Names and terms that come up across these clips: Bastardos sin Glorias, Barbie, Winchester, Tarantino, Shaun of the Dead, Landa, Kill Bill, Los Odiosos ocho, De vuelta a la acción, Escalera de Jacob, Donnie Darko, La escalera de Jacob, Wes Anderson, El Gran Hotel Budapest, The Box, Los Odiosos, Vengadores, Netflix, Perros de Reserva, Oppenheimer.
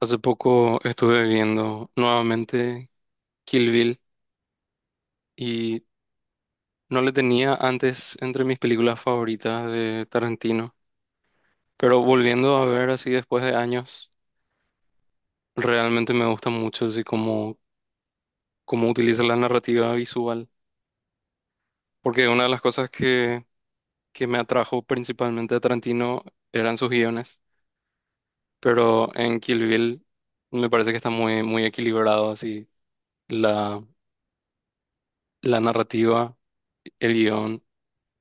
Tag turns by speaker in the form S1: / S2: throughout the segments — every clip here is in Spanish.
S1: Hace poco estuve viendo nuevamente Kill Bill y no le tenía antes entre mis películas favoritas de Tarantino, pero volviendo a ver así después de años, realmente me gusta mucho así como cómo utiliza la narrativa visual, porque una de las cosas que me atrajo principalmente a Tarantino eran sus guiones, pero en Kill Bill me parece que está muy, muy equilibrado así la, la narrativa, el guión,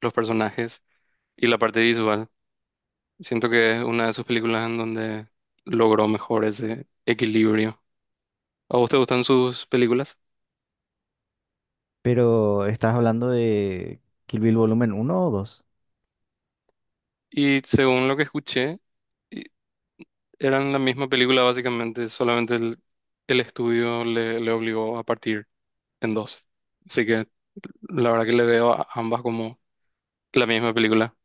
S1: los personajes. Y la parte visual. Siento que es una de sus películas en donde logró mejor ese equilibrio. ¿A vos te gustan sus películas?
S2: Pero estás hablando de Kill Bill volumen uno o 2.
S1: Y según lo que escuché, y- eran la misma película básicamente, solamente el estudio le obligó a partir en dos. Así que la verdad que le veo a ambas como la misma película.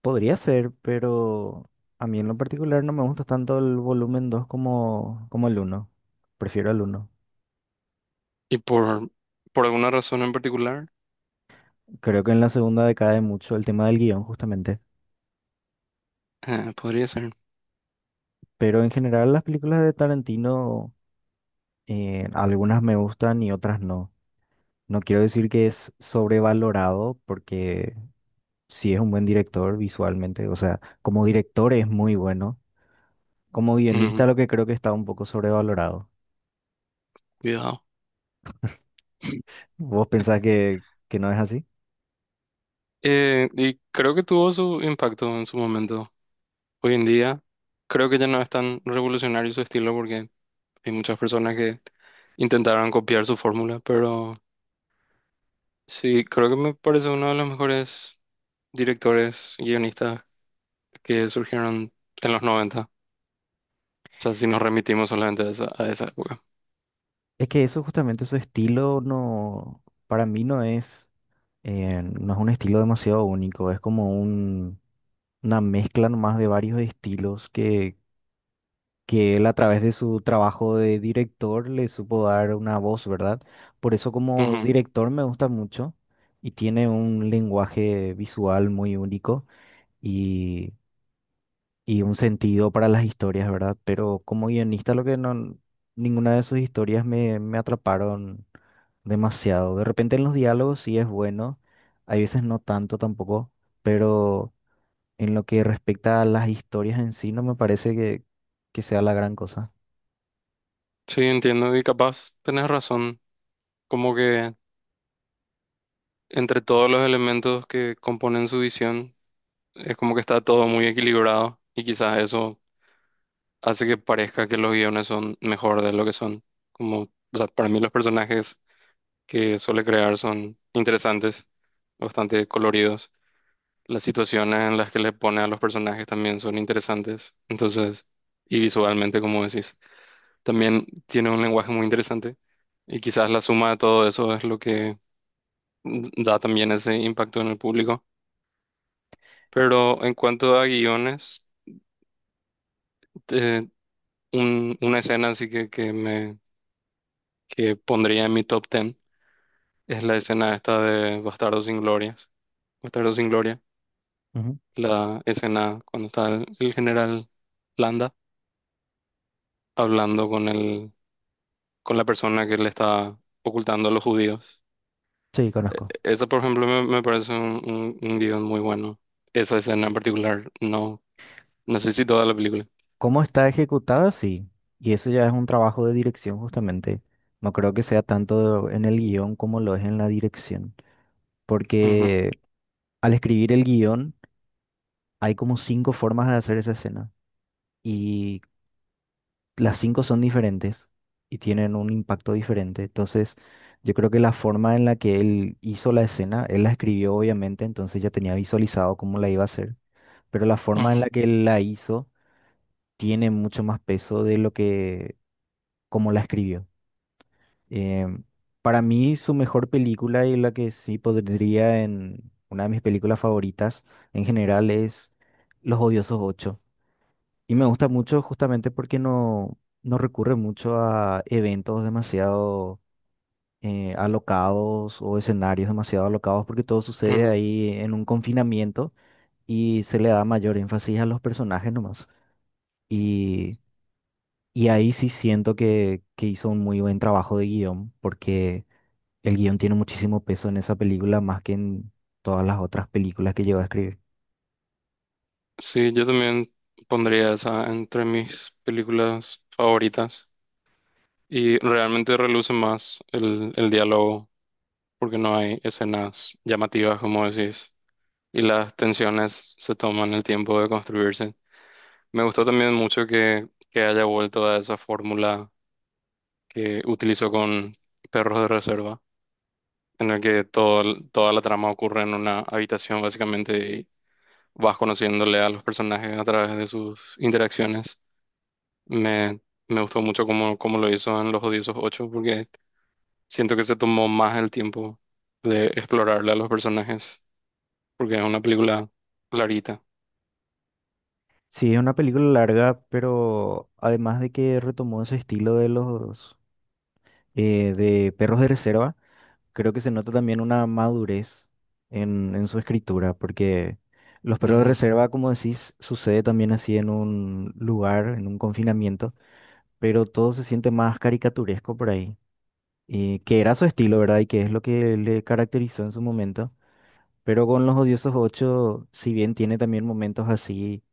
S2: Podría ser, pero a mí en lo particular no me gusta tanto el volumen 2 como el uno. Prefiero el uno.
S1: Y por, por alguna razón en particular,
S2: Creo que en la segunda decae mucho el tema del guión, justamente.
S1: podría ser.
S2: Pero en general las películas de Tarantino, algunas me gustan y otras no. No quiero decir que es sobrevalorado porque sí es un buen director visualmente. O sea, como director es muy bueno. Como
S1: Ujú,
S2: guionista lo que creo que está un poco sobrevalorado.
S1: cuidado.
S2: ¿Vos pensás que no es así?
S1: Y creo que tuvo su impacto en su momento. Hoy en día creo que ya no es tan revolucionario su estilo porque hay muchas personas que intentaron copiar su fórmula, pero sí, creo que me parece uno de los mejores directores y guionistas que surgieron en los noventa. O sea, si nos remitimos solamente a esa época.
S2: Es que eso justamente su estilo no, para mí no es, no es un estilo demasiado único, es como una mezcla nomás de varios estilos que, él a través de su trabajo de director le supo dar una voz, ¿verdad? Por eso como director me gusta mucho y tiene un lenguaje visual muy único y un sentido para las historias, ¿verdad? Pero como guionista, lo que no, ninguna de sus historias me atraparon demasiado. De repente en los diálogos sí es bueno, hay veces no tanto tampoco, pero en lo que respecta a las historias en sí, no me parece que sea la gran cosa.
S1: Sí, entiendo y capaz tenés razón, como que entre todos los elementos que componen su visión, es como que está todo muy equilibrado y quizás eso hace que parezca que los guiones son mejor de lo que son. Como, o sea, para mí los personajes que suele crear son interesantes, bastante coloridos. Las situaciones en las que le pone a los personajes también son interesantes. Entonces, y visualmente, como decís, también tiene un lenguaje muy interesante y quizás la suma de todo eso es lo que da también ese impacto en el público. Pero en cuanto a guiones, eh, una escena así que me que pondría en mi top ten es la escena esta de Bastardos sin Glorias. Bastardos sin Gloria,
S2: Ujú.
S1: la escena cuando está el general Landa hablando con la persona que le está ocultando a los judíos.
S2: Sí,
S1: Eh,
S2: conozco.
S1: Esa, por ejemplo, me parece un guión muy bueno. Esa escena en particular, no, no sé si toda la película.
S2: ¿Cómo está ejecutada? Sí. Y eso ya es un trabajo de dirección justamente. No creo que sea tanto en el guión como lo es en la dirección.
S1: Ujú,
S2: Porque al escribir el guión, hay como cinco formas de hacer esa escena y las cinco son diferentes y tienen un impacto diferente. Entonces, yo creo que la forma en la que él hizo la escena, él la escribió obviamente, entonces ya tenía visualizado cómo la iba a hacer, pero la forma en
S1: ujú,
S2: la que él la hizo tiene mucho más peso de lo que como la escribió. Em, para mí, su mejor película y la que sí podría en una de mis películas favoritas en general es Los Odiosos. Y me gusta mucho justamente porque no recurre mucho a eventos demasiado alocados o escenarios demasiado alocados porque todo sucede
S1: ujú.
S2: ahí en un confinamiento y se le da mayor énfasis a los personajes nomás. Y, y ahí sí siento que, hizo un muy buen trabajo de guión porque el guión tiene muchísimo peso en esa película más que en todas las otras películas que llegó a escribir.
S1: Sí, yo también pondría esa entre mis películas favoritas y realmente reluce más el diálogo porque no hay escenas llamativas, como decís, y las tensiones se toman el tiempo de construirse. Me gustó también mucho que haya vuelto a esa fórmula que utilizó con Perros de Reserva, en el que toda la trama ocurre en una habitación básicamente y vas conociéndole a los personajes a través de sus interacciones. Me, me gustó mucho cómo lo hizo en Los Odiosos ocho porque siento que se tomó más el tiempo de explorarle a los personajes, porque es una película clarita.
S2: Sí, es una película larga, pero además de que retomó ese estilo de Perros de Reserva, creo que se nota también una madurez en su escritura, porque los Perros de
S1: Ujú.
S2: Reserva, como decís, sucede también así en un lugar, en un confinamiento, pero todo se siente más caricaturesco por ahí, y que era su estilo, ¿verdad? Y que es lo que le caracterizó en su momento, pero con Los Odiosos 8 si bien tiene también momentos así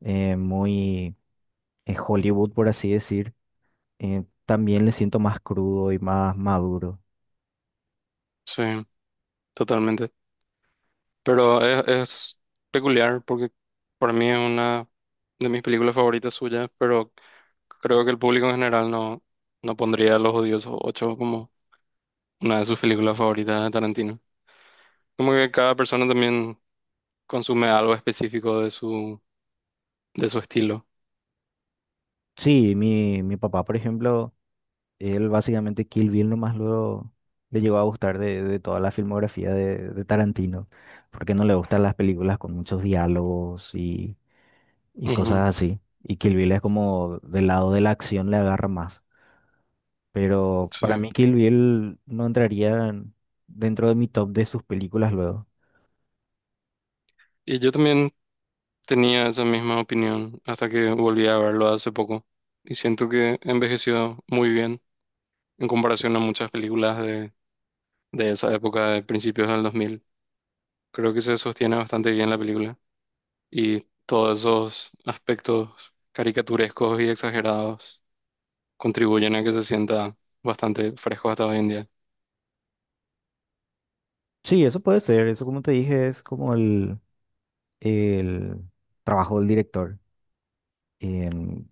S2: muy Hollywood, por así decir, también le siento más crudo y más maduro.
S1: Sí, totalmente. Pero es peculiar, porque para mí es una de mis películas favoritas suyas, pero creo que el público en general no, no pondría Los Odiosos ocho como una de sus películas favoritas de Tarantino. Como que cada persona también consume algo específico de de su estilo.
S2: Sí, mi papá, por ejemplo, él básicamente Kill Bill nomás luego le llegó a gustar de toda la filmografía de Tarantino, porque no le gustan las películas con muchos diálogos y cosas así. Y Kill Bill es como del lado de la acción le agarra más. Pero para mí
S1: Sí.
S2: Kill Bill no entraría dentro de mi top de sus películas luego.
S1: Y yo también tenía esa misma opinión hasta que volví a verlo hace poco. Y siento que envejeció muy bien en comparación a muchas películas de esa época, de principios del 2000. Creo que se sostiene bastante bien la película. Y todos esos aspectos caricaturescos y exagerados contribuyen a que se sienta bastante fresco hasta hoy en día.
S2: Sí, eso puede ser, eso como te dije es como el trabajo del director. Em,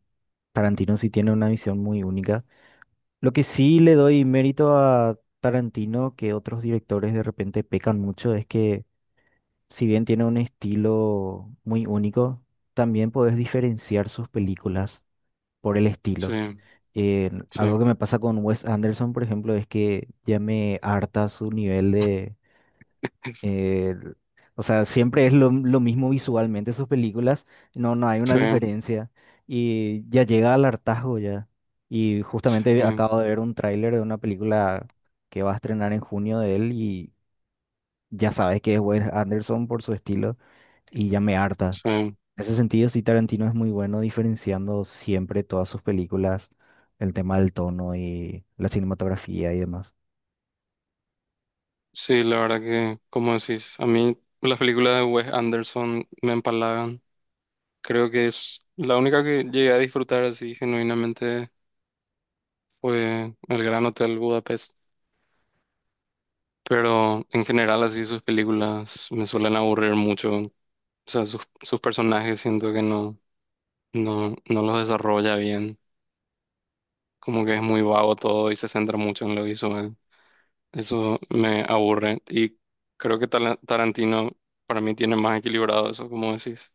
S2: Tarantino sí tiene una visión muy única. Lo que sí le doy mérito a Tarantino, que otros directores de repente pecan mucho, es que si bien tiene un estilo muy único, también podés diferenciar sus películas por el
S1: Sí,
S2: estilo. Algo
S1: sí,
S2: que me pasa con Wes Anderson, por ejemplo, es que ya me harta su nivel de eh, o sea, siempre es lo mismo visualmente sus películas, no hay una
S1: sí,
S2: diferencia y ya llega al hartazgo ya. Y justamente
S1: sí,
S2: acabo de ver un tráiler de una película que va a estrenar en junio de él y ya sabes que es Wes Anderson por su estilo y ya me harta.
S1: sí.
S2: En ese sentido, sí, Tarantino es muy bueno diferenciando siempre todas sus películas, el tema del tono y la cinematografía y demás.
S1: Sí, la verdad que, como decís, a mí las películas de Wes Anderson me empalagan. Creo que es la única que llegué a disfrutar así genuinamente fue El Gran Hotel Budapest. Pero en general así sus películas me suelen aburrir mucho. O sea, sus personajes siento que no los desarrolla bien. Como que es muy vago todo y se centra mucho en lo visual. Eso me aburre. Y creo que Tarantino para mí tiene más equilibrado eso, como decís.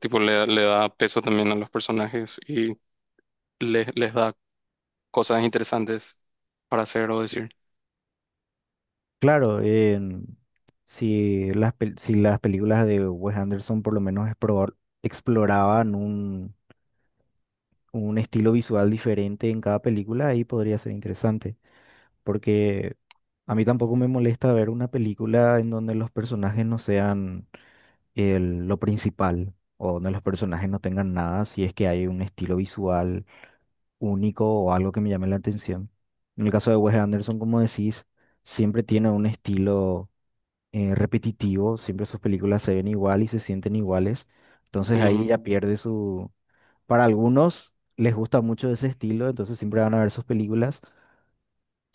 S1: Tipo, le da peso también a los personajes y les da cosas interesantes para hacer o decir.
S2: Claro, si si las películas de Wes Anderson por lo menos exploraban un estilo visual diferente en cada película, ahí podría ser interesante, porque a mí tampoco me molesta ver una película en donde los personajes no sean lo principal o donde los personajes no tengan nada, si es que hay un estilo visual único o algo que me llame la atención. En el caso de Wes Anderson, como decís, siempre tiene un estilo repetitivo, siempre sus películas se ven igual y se sienten iguales, entonces ahí
S1: Ujú.
S2: ya pierde su. Para algunos les gusta mucho ese estilo, entonces siempre van a ver sus películas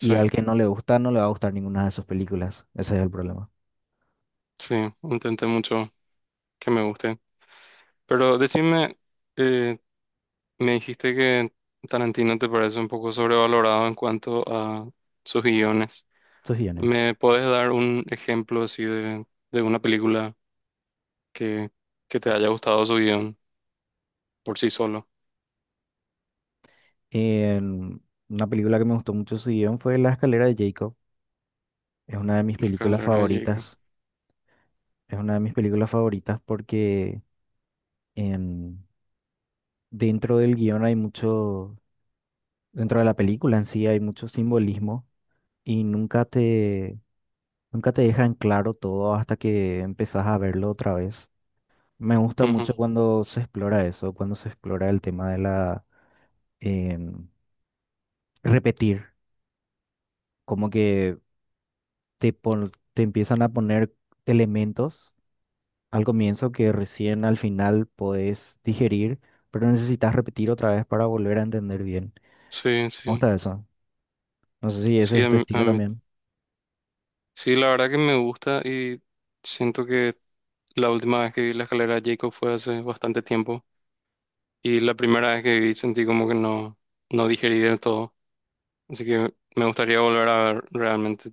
S2: y al que no le gusta no le va a gustar ninguna de sus películas, ese es el problema,
S1: sí, intenté mucho que me guste. Pero decime, eh, me dijiste que Tarantino te parece un poco sobrevalorado en cuanto a sus guiones.
S2: sus guiones.
S1: ¿Me puedes dar un ejemplo así de una película que, que te haya gustado su guión por sí solo?
S2: En- una película que me gustó mucho su guión fue La Escalera de Jacob, es una de mis películas
S1: Escalera de Jacob.
S2: favoritas, es una de mis películas favoritas porque en- dentro del guión hay mucho. Dentro de la película en sí hay mucho simbolismo y nunca te dejan claro todo hasta que empezás a verlo otra vez. Me gusta
S1: Ujú.
S2: mucho cuando se explora eso, cuando se explora el tema de la em, repetir, como que te empiezan a poner elementos al comienzo que recién al final podés digerir, pero necesitas repetir otra vez para volver a entender bien.
S1: Sí,
S2: Me
S1: sí.
S2: gusta eso. No sé si ese
S1: Sí,
S2: es
S1: a
S2: tu estilo
S1: mí,
S2: también.
S1: sí, la verdad que me gusta y siento que la última vez que vi la escalera de Jacob fue hace bastante tiempo y la primera vez que vi sentí como que no, no digerí del todo. Así que me gustaría volver a ver realmente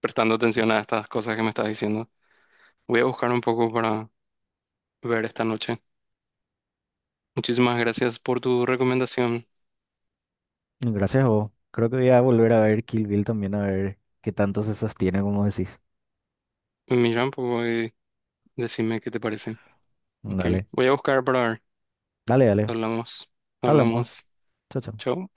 S1: prestando atención a estas cosas que me estás diciendo. Voy a buscar un poco para ver esta noche. Muchísimas gracias por tu recomendación.
S2: Gracias a vos. Creo que voy a volver a ver Kill Bill también, a ver qué tanto se sostiene, como decís.
S1: Mira un poco y decime qué te parece. Ok,
S2: Dale,
S1: voy a buscar para ver.
S2: dale, dale.
S1: Hablamos,
S2: Hablamos.
S1: hablamos.
S2: Chao, chao.
S1: Chao.